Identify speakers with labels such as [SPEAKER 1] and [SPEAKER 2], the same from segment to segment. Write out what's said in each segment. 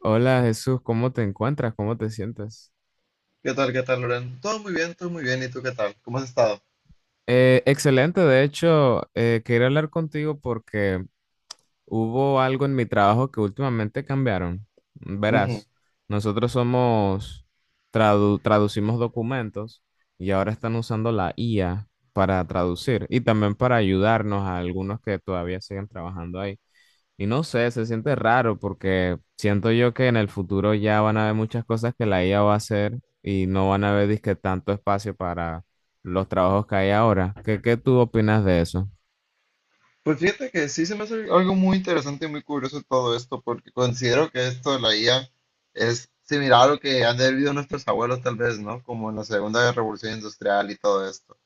[SPEAKER 1] Hola Jesús, ¿cómo te encuentras? ¿Cómo te sientes?
[SPEAKER 2] ¿Qué tal? ¿Qué tal, Loren? Todo muy bien, todo muy bien. ¿Y tú qué tal? ¿Cómo has estado?
[SPEAKER 1] Excelente, de hecho, quería hablar contigo porque hubo algo en mi trabajo que últimamente cambiaron.
[SPEAKER 2] Ujú.
[SPEAKER 1] Verás, nosotros somos, traducimos documentos y ahora están usando la IA para traducir y también para ayudarnos a algunos que todavía siguen trabajando ahí. Y no sé, se siente raro porque siento yo que en el futuro ya van a haber muchas cosas que la IA va a hacer y no van a haber disque tanto espacio para los trabajos que hay ahora. ¿Qué tú opinas de eso?
[SPEAKER 2] Pues fíjate que sí, se me hace algo muy interesante y muy curioso todo esto, porque considero que esto de la IA es similar a lo que han vivido nuestros abuelos tal vez, ¿no? Como en la Segunda Revolución Industrial y todo esto.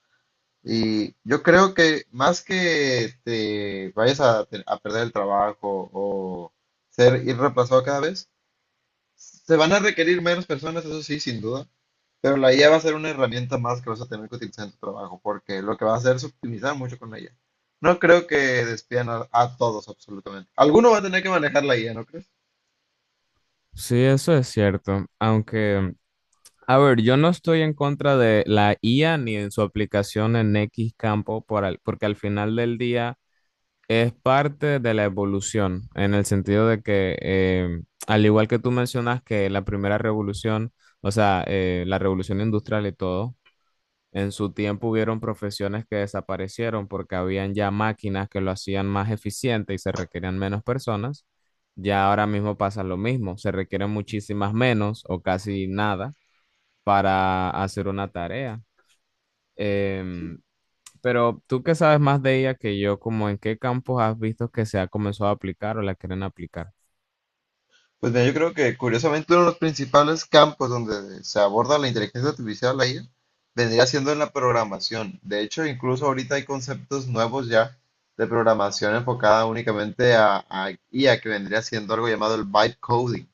[SPEAKER 2] Y yo creo que más que te vayas a perder el trabajo o ser ir reemplazado cada vez, se van a requerir menos personas, eso sí, sin duda, pero la IA va a ser una herramienta más que vas a tener que utilizar en tu trabajo, porque lo que va a hacer es optimizar mucho con la IA. No creo que despidan a todos, absolutamente. Alguno va a tener que manejar la IA, ¿no crees?
[SPEAKER 1] Sí, eso es cierto, aunque a ver, yo no estoy en contra de la IA ni en su aplicación en X campo, porque al final del día es parte de la evolución, en el sentido de que, al igual que tú mencionas que la primera revolución, o sea, la revolución industrial y todo, en su tiempo hubieron profesiones que desaparecieron porque habían ya máquinas que lo hacían más eficiente y se requerían menos personas. Ya ahora mismo pasa lo mismo, se requieren muchísimas menos o casi nada para hacer una tarea. Em, pero tú que sabes más de ella que yo, como en qué campos has visto que se ha comenzado a aplicar o la quieren aplicar.
[SPEAKER 2] Pues mira, yo creo que curiosamente uno de los principales campos donde se aborda la inteligencia artificial, la IA, vendría siendo en la programación. De hecho, incluso ahorita hay conceptos nuevos ya de programación enfocada únicamente a IA, que vendría siendo algo llamado el byte coding.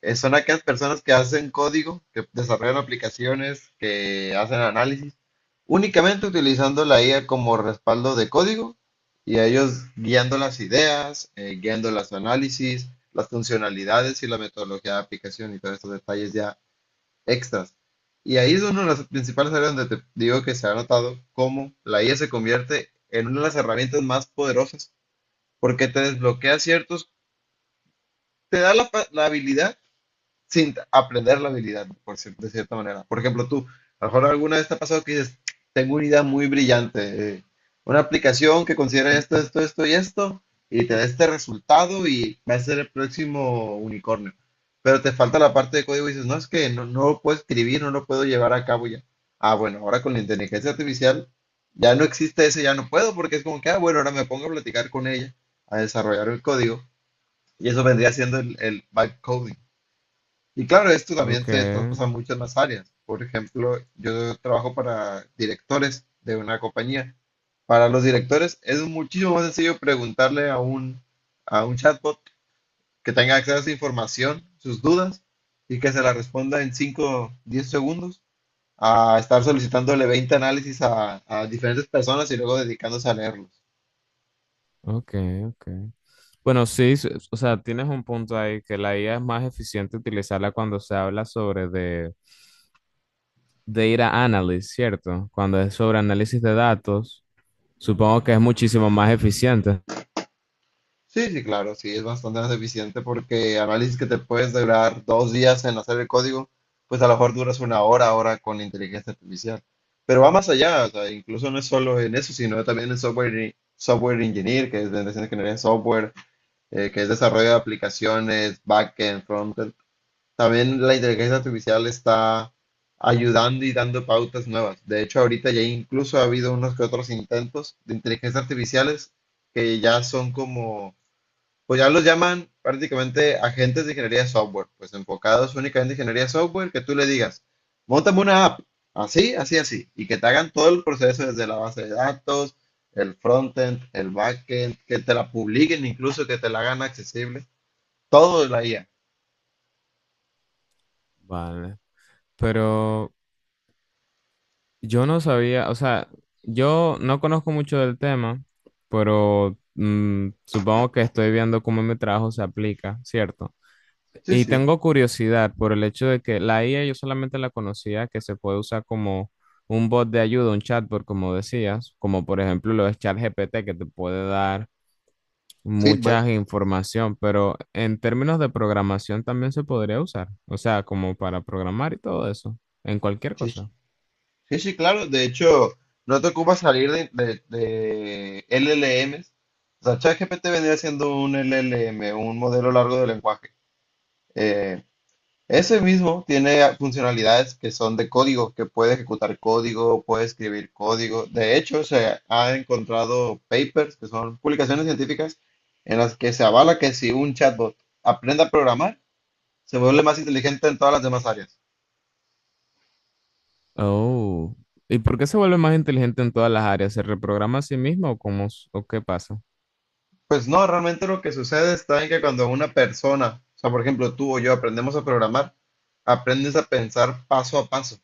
[SPEAKER 2] Son aquellas personas que hacen código, que desarrollan aplicaciones, que hacen análisis, únicamente utilizando la IA como respaldo de código y a ellos guiando las ideas, guiando los análisis, las funcionalidades y la metodología de aplicación y todos estos detalles ya extras. Y ahí es una de las principales áreas donde te digo que se ha notado cómo la IA se convierte en una de las herramientas más poderosas porque te desbloquea ciertos, te da la habilidad sin aprender la habilidad, de cierta manera. Por ejemplo, tú, a lo mejor alguna vez te ha pasado que dices, tengo una idea muy brillante, una aplicación que considera esto, esto, esto y esto, y te da este resultado y va a ser el próximo unicornio. Pero te falta la parte de código y dices, no, es que no lo puedo escribir, no lo puedo llevar a cabo ya. Ah, bueno, ahora con la inteligencia artificial ya no existe ese, ya no puedo, porque es como que, ah, bueno, ahora me pongo a platicar con ella, a desarrollar el código, y eso vendría siendo el vibe coding. Y claro, esto
[SPEAKER 1] Ok,
[SPEAKER 2] también se traspasa a muchas más áreas. Por ejemplo, yo trabajo para directores de una compañía. Para los directores es muchísimo más sencillo preguntarle a un chatbot que tenga acceso a esa información, sus dudas, y que se la responda en 5-10 segundos, a estar solicitándole 20 análisis a diferentes personas y luego dedicándose a leerlos.
[SPEAKER 1] ok, ok. Bueno, sí, o sea, tienes un punto ahí, que la IA es más eficiente utilizarla cuando se habla sobre de data analysis, ¿cierto? Cuando es sobre análisis de datos, supongo que es muchísimo más eficiente.
[SPEAKER 2] Sí, sí, claro, sí, es bastante más eficiente porque análisis que te puedes durar 2 días en hacer el código, pues a lo mejor duras una hora ahora con la inteligencia artificial. Pero va más allá, o sea, incluso no es solo en eso, sino también en software, software engineer, que es de ingeniería en software, que es desarrollo de aplicaciones, backend, frontend. También la inteligencia artificial está ayudando y dando pautas nuevas. De hecho, ahorita ya incluso ha habido unos que otros intentos de inteligencia artificiales que ya son como, pues ya los llaman prácticamente agentes de ingeniería software, pues enfocados únicamente en ingeniería software, que tú le digas, montame una app, así, así, así, y que te hagan todo el proceso desde la base de datos, el frontend, el backend, que te la publiquen incluso, que te la hagan accesible, todo de la IA.
[SPEAKER 1] Vale. Pero yo no sabía, o sea, yo no conozco mucho del tema, pero supongo que estoy viendo cómo mi trabajo se aplica, ¿cierto?
[SPEAKER 2] Sí,
[SPEAKER 1] Y
[SPEAKER 2] sí.
[SPEAKER 1] tengo curiosidad por el hecho de que la IA yo solamente la conocía que se puede usar como un bot de ayuda, un chatbot, como decías, como por ejemplo lo de ChatGPT que te puede dar
[SPEAKER 2] Feedback.
[SPEAKER 1] mucha información, pero en términos de programación también se podría usar, o sea, como para programar y todo eso, en cualquier
[SPEAKER 2] Sí, sí,
[SPEAKER 1] cosa.
[SPEAKER 2] sí, sí, claro. De hecho, no te ocupa salir de LLMs, o sea, ChatGPT vendría siendo un LLM, un modelo largo de lenguaje. Eh, Ese mismo tiene funcionalidades que son de código, que puede ejecutar código, puede escribir código. De hecho, se ha encontrado papers, que son publicaciones científicas, en las que se avala que si un chatbot aprende a programar, se vuelve más inteligente en todas las demás áreas.
[SPEAKER 1] Oh. ¿Y por qué se vuelve más inteligente en todas las áreas? ¿Se reprograma a sí mismo o cómo, o qué pasa?
[SPEAKER 2] Pues no, realmente lo que sucede está en que cuando una persona, o sea, por ejemplo, tú o yo aprendemos a programar, aprendes a pensar paso a paso.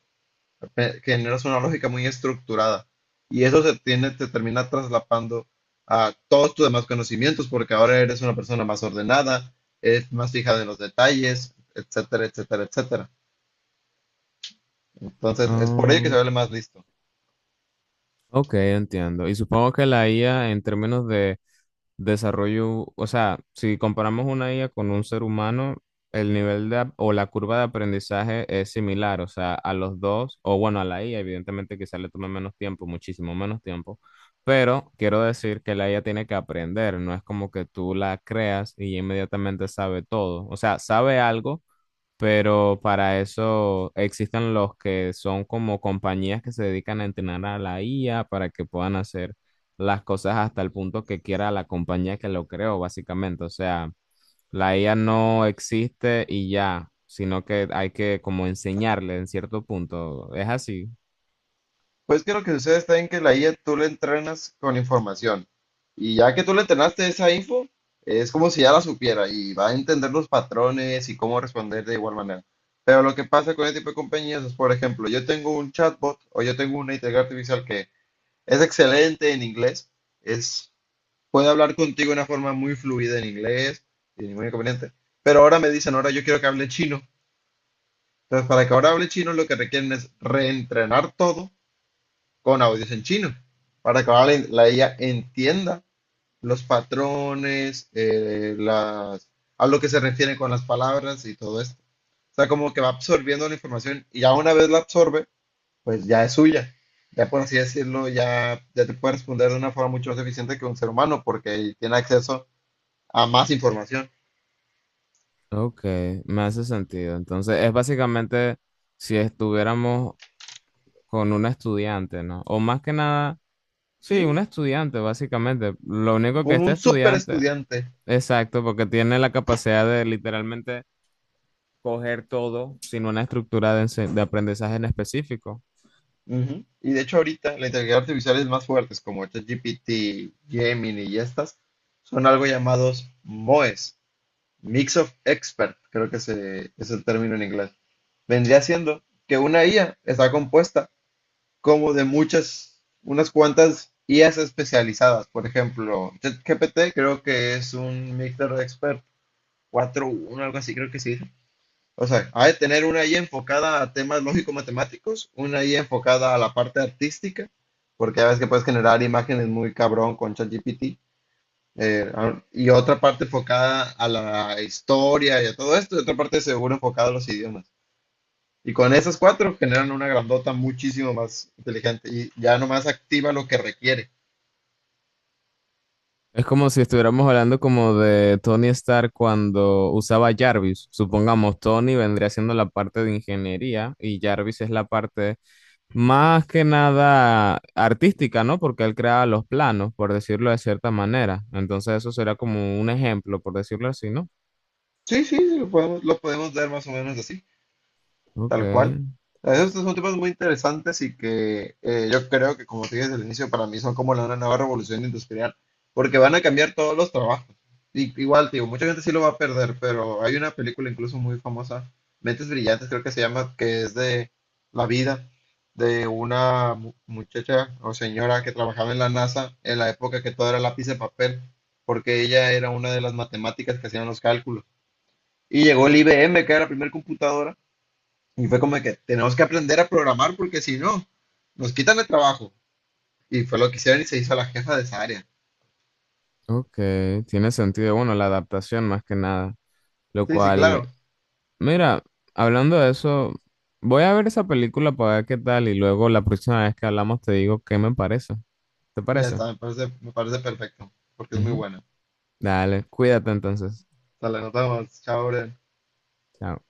[SPEAKER 2] Generas una lógica muy estructurada. Y eso se tiene, te termina traslapando a todos tus demás conocimientos, porque ahora eres una persona más ordenada, es más fijada en los detalles, etcétera, etcétera, etcétera. Entonces, es por ello que se
[SPEAKER 1] Oh,
[SPEAKER 2] vuelve más listo.
[SPEAKER 1] ok, entiendo. Y supongo que la IA en términos de desarrollo, o sea, si comparamos una IA con un ser humano, el nivel de, o la curva de aprendizaje es similar, o sea, a los dos, o bueno, a la IA, evidentemente quizá le tome menos tiempo, muchísimo menos tiempo, pero quiero decir que la IA tiene que aprender, no es como que tú la creas y inmediatamente sabe todo, o sea, sabe algo pero para eso existen los que son como compañías que se dedican a entrenar a la IA para que puedan hacer las cosas hasta el punto que quiera la compañía que lo creó, básicamente. O sea, la IA no existe y ya, sino que hay que como enseñarle en cierto punto. Es así.
[SPEAKER 2] Pues que lo que sucede está en que la IA tú la entrenas con información. Y ya que tú le entrenaste esa info, es como si ya la supiera y va a entender los patrones y cómo responder de igual manera. Pero lo que pasa con este tipo de compañías es, por ejemplo, yo tengo un chatbot o yo tengo una inteligencia artificial que es excelente en inglés, es, puede hablar contigo de una forma muy fluida en inglés, sin ningún inconveniente. Pero ahora me dicen, ahora yo quiero que hable chino. Entonces, para que ahora hable chino, lo que requieren es reentrenar todo con audios en chino, para que ahora la IA entienda los patrones, las, a lo que se refiere con las palabras y todo esto. O sea, como que va absorbiendo la información y ya una vez la absorbe, pues ya es suya. Ya por así decirlo, ya, ya te puede responder de una forma mucho más eficiente que un ser humano porque tiene acceso a más información.
[SPEAKER 1] Ok, me hace sentido. Entonces, es básicamente si estuviéramos con un estudiante, ¿no? O más que nada sí, un
[SPEAKER 2] Sí,
[SPEAKER 1] estudiante, básicamente. Lo único que
[SPEAKER 2] como
[SPEAKER 1] este
[SPEAKER 2] un super
[SPEAKER 1] estudiante,
[SPEAKER 2] estudiante.
[SPEAKER 1] exacto, porque tiene la capacidad de literalmente coger todo sin una estructura de, de aprendizaje en específico.
[SPEAKER 2] Ujú. Y de hecho ahorita la inteligencia artificial es más fuertes como ChatGPT, Gemini y estas son algo llamados MOEs, Mix of Expert, es el término en inglés. Vendría siendo que una IA está compuesta como de muchas, unas cuantas IAs especializadas. Por ejemplo, ChatGPT creo que es un Mixed Expert 4.1, algo así, creo que sí. O sea, hay de tener una ahí enfocada a temas lógico-matemáticos, una ahí enfocada a la parte artística, porque ya ves que puedes generar imágenes muy cabrón con ChatGPT, y otra parte enfocada a la historia y a todo esto, y otra parte seguro enfocada a los idiomas. Y con esas cuatro generan una grandota muchísimo más inteligente y ya nomás activa lo que requiere.
[SPEAKER 1] Es como si estuviéramos hablando como de Tony Stark cuando usaba Jarvis. Supongamos, Tony vendría siendo la parte de ingeniería y Jarvis es la parte más que nada artística, ¿no? Porque él creaba los planos, por decirlo de cierta manera. Entonces eso será como un ejemplo, por decirlo así, ¿no?
[SPEAKER 2] Sí, sí, sí, lo podemos ver más o menos así.
[SPEAKER 1] Ok.
[SPEAKER 2] Tal cual. Esos son temas muy interesantes y que yo creo que, como te dije desde el inicio, para mí son como una nueva revolución industrial, porque van a cambiar todos los trabajos. Y, igual, te digo, mucha gente sí lo va a perder, pero hay una película incluso muy famosa, Mentes Brillantes, creo que se llama, que es de la vida de una muchacha o señora que trabajaba en la NASA en la época que todo era lápiz de papel, porque ella era una de las matemáticas que hacían los cálculos. Y llegó el IBM, que era la primera computadora, y fue como de que tenemos que aprender a programar porque si no, nos quitan el trabajo. Y fue lo que hicieron y se hizo la jefa de esa área.
[SPEAKER 1] Ok, tiene sentido. Bueno, la adaptación más que nada. Lo
[SPEAKER 2] Sí, sí,
[SPEAKER 1] cual,
[SPEAKER 2] claro.
[SPEAKER 1] mira, hablando de eso, voy a ver esa película para ver qué tal y luego la próxima vez que hablamos te digo qué me parece. ¿Te
[SPEAKER 2] Ya
[SPEAKER 1] parece?
[SPEAKER 2] está, me parece perfecto, porque es muy
[SPEAKER 1] Ujú.
[SPEAKER 2] buena.
[SPEAKER 1] Dale, cuídate entonces.
[SPEAKER 2] Hasta la notamos. Chao, Bren.
[SPEAKER 1] Chao.